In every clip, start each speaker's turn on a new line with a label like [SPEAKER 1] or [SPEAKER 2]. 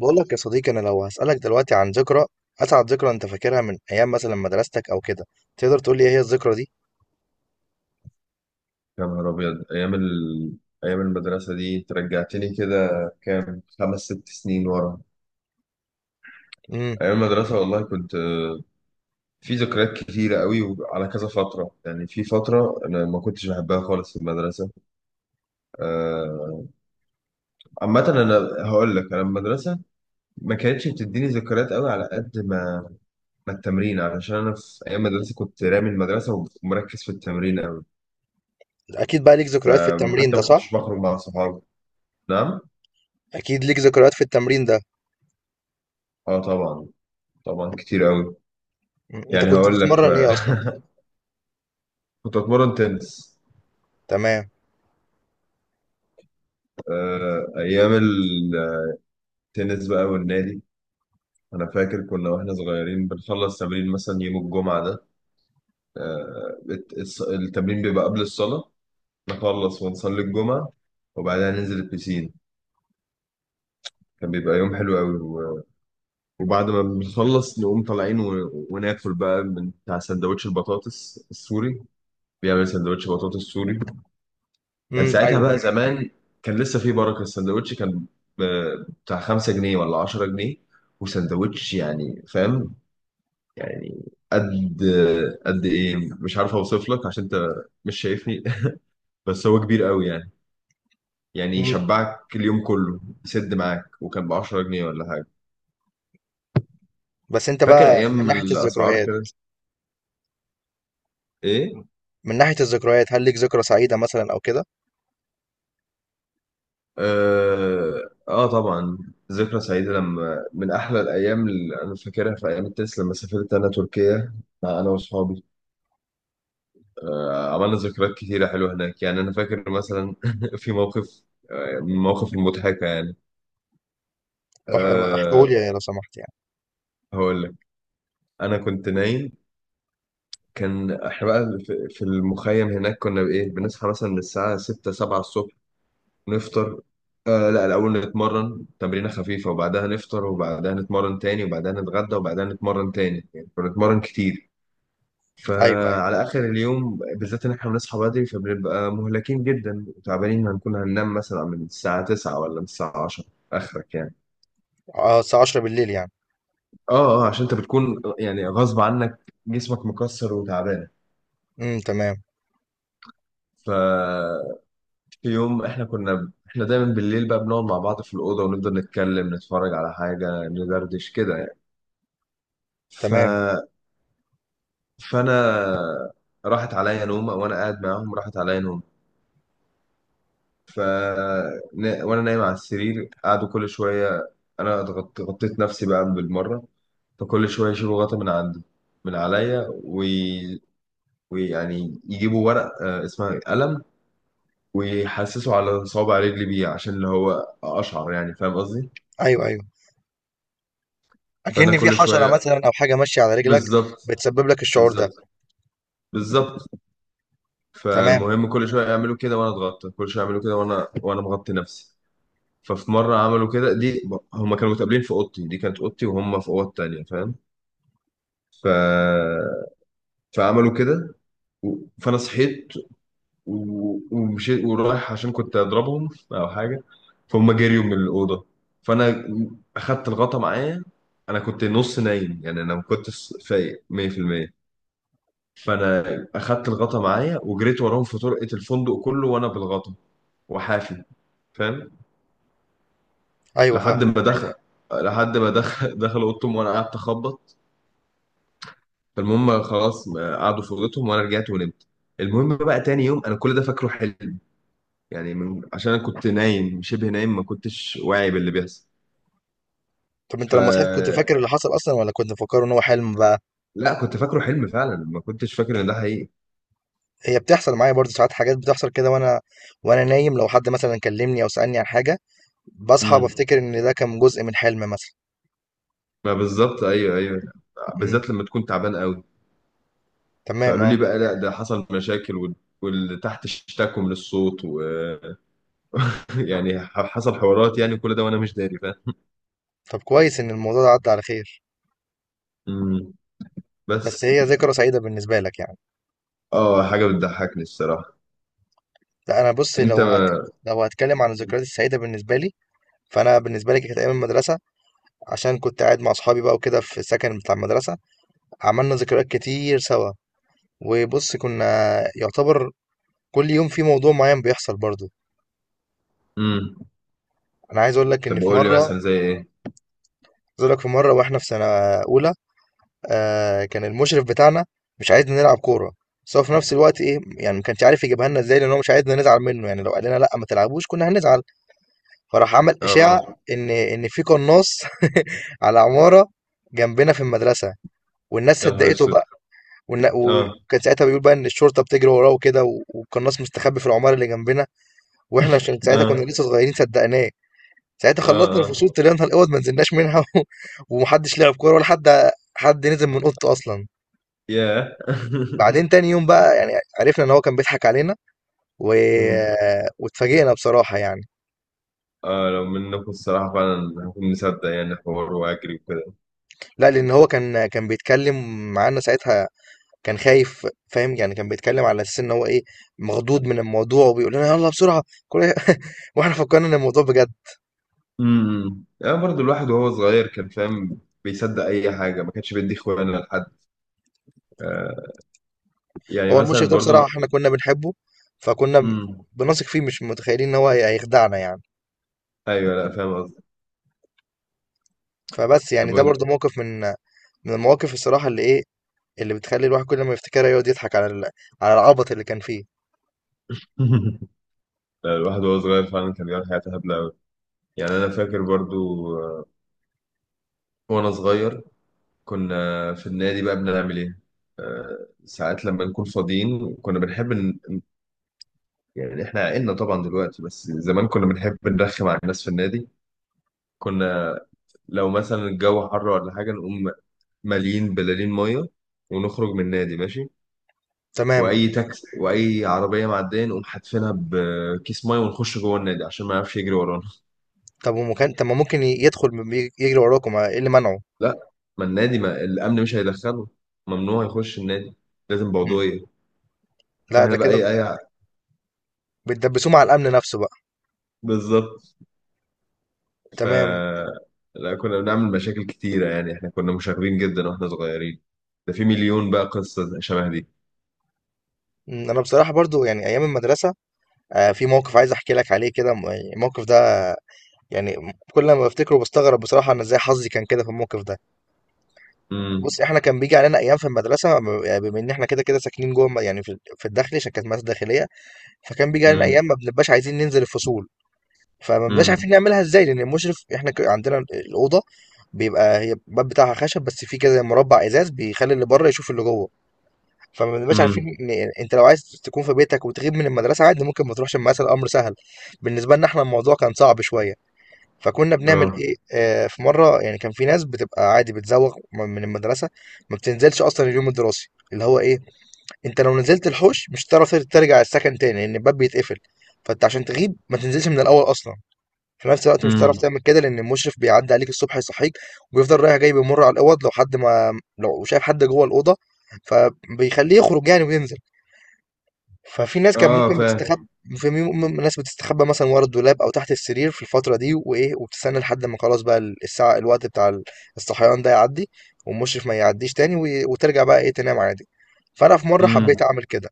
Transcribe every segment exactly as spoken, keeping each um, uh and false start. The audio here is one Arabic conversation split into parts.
[SPEAKER 1] بقول لك يا صديقي، انا لو هسألك دلوقتي عن ذكرى، اسعد ذكرى انت فاكرها من ايام مثلا مدرستك او كده، تقدر تقول لي ايه هي الذكرى دي؟
[SPEAKER 2] يا نهار أبيض، أيام ال... أيام المدرسة دي أنت رجعتني كده. كام خمس ست سنين ورا.
[SPEAKER 1] امم.
[SPEAKER 2] أيام المدرسة والله كنت، آه، في ذكريات كتيرة قوي وعلى كذا فترة، يعني في فترة أنا ما كنتش بحبها خالص في المدرسة. آه، عامة أنا هقول لك، أنا المدرسة ما كانتش بتديني ذكريات قوي على قد ما ما التمرين، علشان أنا في أيام المدرسة كنت رامي المدرسة ومركز في التمرين قوي،
[SPEAKER 1] اكيد بقى ليك ذكريات في التمرين
[SPEAKER 2] فحتى
[SPEAKER 1] ده،
[SPEAKER 2] ما كنتش
[SPEAKER 1] صح؟
[SPEAKER 2] بخرج مع صحابي. نعم؟
[SPEAKER 1] اكيد ليك ذكريات في التمرين ده.
[SPEAKER 2] أه طبعا، طبعا كتير قوي.
[SPEAKER 1] مم. انت
[SPEAKER 2] يعني
[SPEAKER 1] كنت
[SPEAKER 2] هقول لك،
[SPEAKER 1] بتتمرن ايه اصلا؟
[SPEAKER 2] كنت اتمرن تنس.
[SPEAKER 1] تمام.
[SPEAKER 2] آه، ايام التنس بقى والنادي، انا فاكر كنا واحنا صغيرين بنخلص تمرين مثلا يوم الجمعه ده. آه، بت- الص- التمرين بيبقى قبل الصلاه، نخلص ونصلي الجمعه وبعدها ننزل البسين. كان بيبقى يوم حلو قوي و- وبعد ما بنخلص نقوم طالعين، و- وناكل بقى من بتاع سندوتش البطاطس السوري. بيعمل سندوتش بطاطس سوري. كان
[SPEAKER 1] امم،
[SPEAKER 2] ساعتها بقى
[SPEAKER 1] ايوه.
[SPEAKER 2] زمان، كان لسه في بركة السندوتش، كان ب- بتاع خمسة جنيه ولا عشرة جنيه. وسندوتش يعني فاهم، يعني قد قد ايه، مش عارف اوصف لك عشان انت مش شايفني. بس هو كبير قوي يعني، يعني
[SPEAKER 1] مم.
[SPEAKER 2] يشبعك اليوم كله، يسد معاك، وكان ب عشرة جنيه ولا حاجة.
[SPEAKER 1] بس انت
[SPEAKER 2] فاكر
[SPEAKER 1] بقى من
[SPEAKER 2] ايام
[SPEAKER 1] ناحية
[SPEAKER 2] الاسعار
[SPEAKER 1] الذكريات
[SPEAKER 2] كده. ايه؟
[SPEAKER 1] من ناحية الذكريات هل ليك ذكرى سعيدة مثلا او كده؟
[SPEAKER 2] اه, آه طبعا. ذكرى سعيدة، لما من احلى الايام اللي انا فاكرها في ايام التنس، لما سافرت انا تركيا مع انا واصحابي. عملنا ذكريات كتيرة حلوة هناك. يعني أنا فاكر مثلا في موقف، آه، من المواقف المضحكة يعني. أه،
[SPEAKER 1] احكوا لي لو سمحت يعني.
[SPEAKER 2] هقول لك. أنا كنت نايم، كان إحنا بقى في في المخيم هناك، كنا بإيه، بنصحى مثلا من الساعة ستة سبعة الصبح، نفطر. أه لا، الأول نتمرن تمرينة خفيفة وبعدها نفطر، وبعدها نتمرن تاني وبعدها نتغدى وبعدها نتمرن تاني، يعني كنا بنتمرن كتير.
[SPEAKER 1] ايوه، ايوه.
[SPEAKER 2] فعلى اخر اليوم بالذات، ان احنا بنصحى بدري، فبنبقى مهلكين جدا وتعبانين، هنكون هننام مثلا من الساعه تسعة ولا من الساعه عشرة، اخرك يعني.
[SPEAKER 1] اه، الساعة عشرة بالليل يعني.
[SPEAKER 2] اه اه، عشان انت بتكون يعني غصب عنك، جسمك مكسر وتعبان.
[SPEAKER 1] امم، تمام.
[SPEAKER 2] ف في يوم، احنا كنا احنا دايما بالليل بقى بنقعد مع بعض في الاوضه ونفضل نتكلم، نتفرج على حاجه، ندردش كده يعني. ف
[SPEAKER 1] تمام.
[SPEAKER 2] فانا راحت عليا نومه وانا قاعد معاهم، راحت عليا نومه. ف نا- وانا نايم على السرير قعدوا كل شويه، انا اتغط- غطيت نفسي بقى بالمره. فكل شويه يشيلوا غطا من عندي، من عليا، وي... ويعني يجيبوا ورق آه، اسمها قلم، ويحسسوا على صوابع رجلي بيه، عشان اللي هو اشعر، يعني فاهم قصدي.
[SPEAKER 1] ايوه، ايوه.
[SPEAKER 2] فانا
[SPEAKER 1] اكن في
[SPEAKER 2] كل
[SPEAKER 1] حشره
[SPEAKER 2] شويه.
[SPEAKER 1] مثلا او حاجه ماشيه على رجلك
[SPEAKER 2] بالظبط.
[SPEAKER 1] بتسبب لك الشعور ده.
[SPEAKER 2] بالظبط. بالظبط.
[SPEAKER 1] تمام.
[SPEAKER 2] فالمهم كل شويه يعملوا كده وانا اتغطى، كل شويه يعملوا كده وانا وانا مغطي نفسي. ففي مره عملوا كده دي، هما كانوا متقابلين في اوضتي، دي كانت اوضتي وهم في اوض تانية، فاهم. ف... فعملوا كده و... فانا صحيت و... ومشيت ورايح عشان كنت اضربهم او حاجه. فهم جريوا من الاوضه. فانا اخدت الغطا معايا. انا كنت نص نايم يعني، انا ما كنتش فايق مية في المية. فانا اخدت الغطا معايا وجريت وراهم في طرقه الفندق كله، وانا بالغطا وحافي، فاهم.
[SPEAKER 1] ايوه،
[SPEAKER 2] لحد
[SPEAKER 1] فاهم.
[SPEAKER 2] ما دخل لحد ما دخل دخل اوضتهم وانا قعدت اخبط. فالمهم خلاص، آه، قعدوا في اوضتهم وانا رجعت ونمت. المهم بقى تاني يوم، انا كل ده فاكره حلم، يعني من... عشان انا كنت نايم، شبه نايم، ما كنتش واعي باللي بيحصل.
[SPEAKER 1] طب انت
[SPEAKER 2] ف
[SPEAKER 1] لما صحيت كنت فاكر اللي حصل اصلا، ولا كنت مفكره ان هو حلم بقى؟
[SPEAKER 2] لا كنت فاكره حلم فعلا، ما كنتش فاكر ان ده حقيقي.
[SPEAKER 1] هي بتحصل معايا برضه ساعات، حاجات بتحصل كده وانا وانا نايم، لو حد مثلا كلمني او سالني عن حاجه بصحى
[SPEAKER 2] امم.
[SPEAKER 1] بفتكر ان ده كان جزء من حلم مثلا.
[SPEAKER 2] ما بالظبط، ايوه ايوه،
[SPEAKER 1] امم،
[SPEAKER 2] بالذات لما تكون تعبان قوي.
[SPEAKER 1] تمام،
[SPEAKER 2] فقالوا
[SPEAKER 1] اه.
[SPEAKER 2] لي بقى، لا ده حصل مشاكل وال... واللي تحت اشتكوا من الصوت، ويعني حصل حوارات، يعني كل ده وانا مش داري، فاهم.
[SPEAKER 1] طب كويس ان الموضوع ده عدى على خير.
[SPEAKER 2] امم.
[SPEAKER 1] بس
[SPEAKER 2] بس
[SPEAKER 1] هي ذكرى سعيده بالنسبه لك يعني؟
[SPEAKER 2] اه، حاجه بتضحكني الصراحه.
[SPEAKER 1] لا انا بص،
[SPEAKER 2] انت.
[SPEAKER 1] لو هت... لو هتكلم عن الذكريات السعيده بالنسبه لي، فانا بالنسبه لي كانت ايام المدرسه، عشان كنت قاعد مع اصحابي بقى وكده في السكن بتاع المدرسه، عملنا ذكريات كتير سوا. وبص كنا يعتبر كل يوم في موضوع معين بيحصل برضو.
[SPEAKER 2] امم.
[SPEAKER 1] انا عايز اقول لك ان
[SPEAKER 2] طب
[SPEAKER 1] في
[SPEAKER 2] قول لي
[SPEAKER 1] مره عايز
[SPEAKER 2] مثلا زي ايه.
[SPEAKER 1] اقول لك في مره واحنا في سنه اولى، آه، كان المشرف بتاعنا مش عايزنا نلعب كوره، بس هو في نفس الوقت ايه يعني ما كانش عارف يجيبها لنا ازاي، لان هو مش عايزنا نزعل منه، يعني لو قال لنا لا ما تلعبوش كنا هنزعل. فراح عمل اشاعه
[SPEAKER 2] اه،
[SPEAKER 1] ان ان في قناص على عماره جنبنا في المدرسه، والناس
[SPEAKER 2] يا نهار
[SPEAKER 1] صدقته
[SPEAKER 2] اسود.
[SPEAKER 1] بقى. والنا-
[SPEAKER 2] اه.
[SPEAKER 1] وكان ساعتها بيقول بقى ان الشرطه بتجري وراه وكده، والقناص مستخبي في العماره اللي جنبنا. واحنا عشان ساعتها
[SPEAKER 2] اه.
[SPEAKER 1] كنا لسه صغيرين صدقناه. ساعتها
[SPEAKER 2] اه.
[SPEAKER 1] خلصنا
[SPEAKER 2] اه.
[SPEAKER 1] الفصول طلعنا الاوض ما نزلناش منها و... ومحدش لعب كوره، ولا حد حد نزل من اوضته اصلا.
[SPEAKER 2] ياه.
[SPEAKER 1] بعدين تاني يوم بقى يعني عرفنا ان هو كان بيضحك علينا و...
[SPEAKER 2] مم.
[SPEAKER 1] واتفاجئنا بصراحه يعني.
[SPEAKER 2] اه، لو منكم الصراحة فعلا، هكون مصدق يعني، حوار واجري وكده.
[SPEAKER 1] لا لان هو كان كان بيتكلم معانا ساعتها، كان خايف، فاهم يعني، كان بيتكلم على اساس ان هو ايه، مخضوض من الموضوع، وبيقول لنا يلا بسرعه كل... واحنا فكرنا ان الموضوع بجد.
[SPEAKER 2] امم، انا برضو الواحد وهو صغير كان فاهم، بيصدق اي حاجة، ما كانش بيدي اخوانا لحد. آه يعني
[SPEAKER 1] هو المشرف
[SPEAKER 2] مثلا
[SPEAKER 1] ده بصراحه
[SPEAKER 2] برضو.
[SPEAKER 1] احنا كنا بنحبه، فكنا
[SPEAKER 2] امم.
[SPEAKER 1] بنثق فيه، مش متخيلين ان هو هيخدعنا يعني.
[SPEAKER 2] ايوه، لا فاهم قصدي.
[SPEAKER 1] فبس يعني
[SPEAKER 2] طب
[SPEAKER 1] ده
[SPEAKER 2] وانت.
[SPEAKER 1] برضو موقف من من المواقف الصراحة اللي ايه، اللي بتخلي الواحد كل ما يفتكرها يقعد يضحك على ال- على العبط اللي كان فيه.
[SPEAKER 2] لا، الواحد وهو صغير فعلا كان بيعمل حاجات هبلة أوي. يعني أنا فاكر برضو، آه، وأنا صغير كنا في النادي بقى بنعمل ايه. آه، ساعات لما نكون فاضيين كنا بنحب ن... يعني احنا عقلنا طبعا دلوقتي، بس زمان كنا بنحب نرخم على الناس في النادي. كنا لو مثلا الجو حر ولا حاجة، نقوم مالين بلالين مية ونخرج من النادي ماشي،
[SPEAKER 1] تمام.
[SPEAKER 2] واي تاكس واي عربية معدية نقوم حاتفينها بكيس مية، ونخش جوه النادي عشان ما يعرفش يجري ورانا.
[SPEAKER 1] طب ومكان، طب ما ممكن ي- يدخل ب- بي- يجري وراكم، ايه اللي منعه؟
[SPEAKER 2] لا، ما النادي، ما الامن مش هيدخله، ممنوع يخش النادي، لازم
[SPEAKER 1] مم.
[SPEAKER 2] بعضوية.
[SPEAKER 1] لا ده
[SPEAKER 2] فاحنا بقى اي
[SPEAKER 1] كده
[SPEAKER 2] اي،
[SPEAKER 1] بتدبسوه مع الامن نفسه بقى.
[SPEAKER 2] بالظبط. ف
[SPEAKER 1] تمام.
[SPEAKER 2] لا كنا بنعمل مشاكل كتيرة، يعني احنا كنا مشاغبين جدا واحنا صغيرين. ده في مليون بقى قصة شبه دي.
[SPEAKER 1] مم. انا بصراحة برضو يعني ايام المدرسة، آه، في موقف عايز احكي لك عليه كده، م- يعني الموقف ده، آه، يعني كل ما بفتكره بستغرب بصراحة انا ازاي حظي كان كده في الموقف ده.
[SPEAKER 2] امم.
[SPEAKER 1] بص احنا كان بيجي علينا ايام في المدرسة، ب- بما ان احنا كده كده ساكنين جوه الم- يعني في في الداخلي، عشان كانت مدرسة داخلية. فكان بيجي علينا
[SPEAKER 2] امم.
[SPEAKER 1] ايام ما بنبقاش عايزين ننزل الفصول، فما بنبقاش
[SPEAKER 2] امم.
[SPEAKER 1] عارفين نعملها ازاي، لان المشرف احنا ك- عندنا الاوضه بيبقى هي الباب بتاعها خشب، بس في كده مربع ازاز بيخلي اللي بره يشوف اللي جوه. فما بنبقاش عارفين
[SPEAKER 2] امم.
[SPEAKER 1] إن، انت لو عايز تكون في بيتك وتغيب من المدرسه عادي ممكن ما تروحش المدرسه، الامر سهل. بالنسبه لنا احنا الموضوع كان صعب شويه. فكنا بنعمل
[SPEAKER 2] اه.
[SPEAKER 1] ايه، آه، في مره يعني كان في ناس بتبقى عادي بتزوغ من المدرسه، ما بتنزلش اصلا اليوم الدراسي، اللي هو ايه، انت لو نزلت الحوش مش هتعرف ترجع السكن تاني لان الباب بيتقفل. فانت عشان تغيب ما تنزلش من الاول اصلا. في نفس الوقت مش
[SPEAKER 2] امم.
[SPEAKER 1] هتعرف تعمل كده لان المشرف بيعدي عليك الصبح يصحيك، وبيفضل رايح جاي بيمر على الاوض، لو حد ما لو شايف حد جوه الاوضه فبيخليه يخرج يعني وينزل. ففي ناس كان
[SPEAKER 2] اه،
[SPEAKER 1] ممكن
[SPEAKER 2] فاهم.
[SPEAKER 1] بتستخبى، في م- م- ناس بتستخبى مثلا ورا الدولاب او تحت السرير في الفتره دي وايه، وبتستنى لحد ما خلاص بقى الساعه، الوقت بتاع الصحيان ده يعدي والمشرف ما يعديش تاني، وي- وترجع بقى ايه تنام عادي. فانا في مره
[SPEAKER 2] امم.
[SPEAKER 1] حبيت اعمل كده،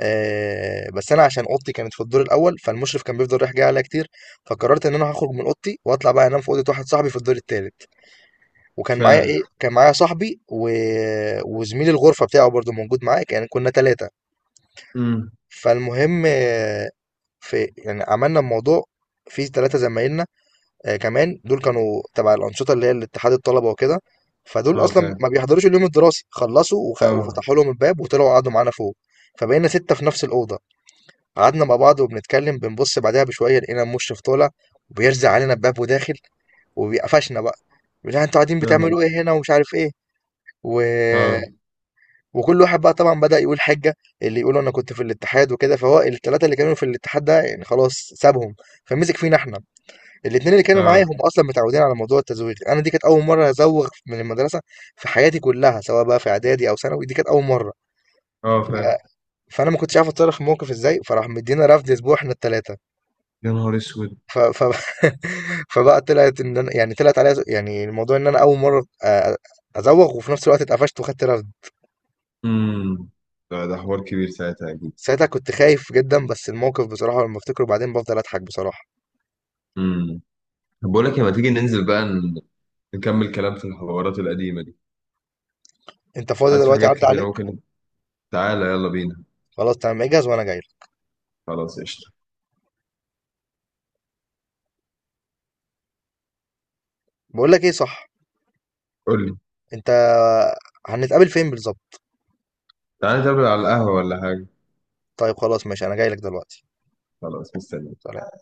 [SPEAKER 1] آه، بس انا عشان اوضتي كانت في الدور الاول فالمشرف كان بيفضل رايح جاي عليا كتير، فقررت ان انا هخرج من اوضتي واطلع بقى انام في اوضه واحد صاحبي في الدور التالت. وكان معايا
[SPEAKER 2] فاهم.
[SPEAKER 1] ايه كان معايا صاحبي و... وزميل الغرفه بتاعه برضو موجود معايا، كان كنا ثلاثه.
[SPEAKER 2] امم.
[SPEAKER 1] فالمهم، آه، في يعني عملنا الموضوع في ثلاثه زمايلنا، آه، كمان دول كانوا تبع الانشطه اللي هي الاتحاد الطلبه وكده، فدول
[SPEAKER 2] اه،
[SPEAKER 1] اصلا
[SPEAKER 2] فاهم.
[SPEAKER 1] ما بيحضروش اليوم الدراسي، خلصوا وخ...
[SPEAKER 2] اه،
[SPEAKER 1] وفتحوا لهم الباب وطلعوا قعدوا معانا فوق. فبقينا سته في نفس الاوضه، قعدنا مع بعض وبنتكلم، بنبص بعدها بشويه لقينا مشرف طالع وبيرزع علينا باب وداخل، وبيقفشنا بقى. لا انتوا قاعدين
[SPEAKER 2] يا نهار
[SPEAKER 1] بتعملوا
[SPEAKER 2] أسود.
[SPEAKER 1] ايه هنا ومش عارف ايه، و...
[SPEAKER 2] اه.
[SPEAKER 1] وكل واحد بقى طبعا بدأ يقول حجة، اللي يقول انا كنت في الاتحاد وكده، فهو الثلاثة اللي كانوا في الاتحاد ده يعني خلاص سابهم، فمسك فينا احنا. الاثنين اللي كانوا معايا
[SPEAKER 2] اه.
[SPEAKER 1] هم اصلا متعودين على موضوع التزويغ، انا دي كانت اول مرة ازوغ من المدرسة في حياتي كلها، سواء بقى في اعدادي او ثانوي، دي كانت اول مرة.
[SPEAKER 2] اه،
[SPEAKER 1] ف...
[SPEAKER 2] فاهم.
[SPEAKER 1] فانا ما كنتش عارف اتصرف في الموقف ازاي، فراح مدينا رفد اسبوع احنا الثلاثة.
[SPEAKER 2] يا نهار اسود.
[SPEAKER 1] ف ف فبقى طلعت إن أنا، يعني طلعت عليا ز- يعني الموضوع إن أنا أول مرة آآ أزوّغ وفي نفس الوقت اتقفشت وخدت رفد.
[SPEAKER 2] امم. ده ده حوار كبير ساعتها اكيد.
[SPEAKER 1] ساعتها كنت خايف جدًا، بس الموقف بصراحة لمّا بافتكره بعدين بافضل أضحك بصراحة.
[SPEAKER 2] امم. طب بقول لك إيه، ما تيجي ننزل بقى ن- نكمل كلام في الحوارات القديمة دي.
[SPEAKER 1] أنت فاضي
[SPEAKER 2] حاسس في
[SPEAKER 1] دلوقتي؟
[SPEAKER 2] حاجات
[SPEAKER 1] عدّى
[SPEAKER 2] كتيرة
[SPEAKER 1] عليك؟
[SPEAKER 2] ممكن. تعالى يلا بينا.
[SPEAKER 1] خلاص تمام، اجهز وأنا جاي لك.
[SPEAKER 2] خلاص قشطة.
[SPEAKER 1] باقول لك إيه، صح،
[SPEAKER 2] قول لي.
[SPEAKER 1] أنت هنتقابل فين بالضبط؟
[SPEAKER 2] تعالى نتقابل على القهوة ولا حاجة.
[SPEAKER 1] طيب خلاص ماشي، أنا جاي لك دلوقتي.
[SPEAKER 2] خلاص مستني.
[SPEAKER 1] سلام.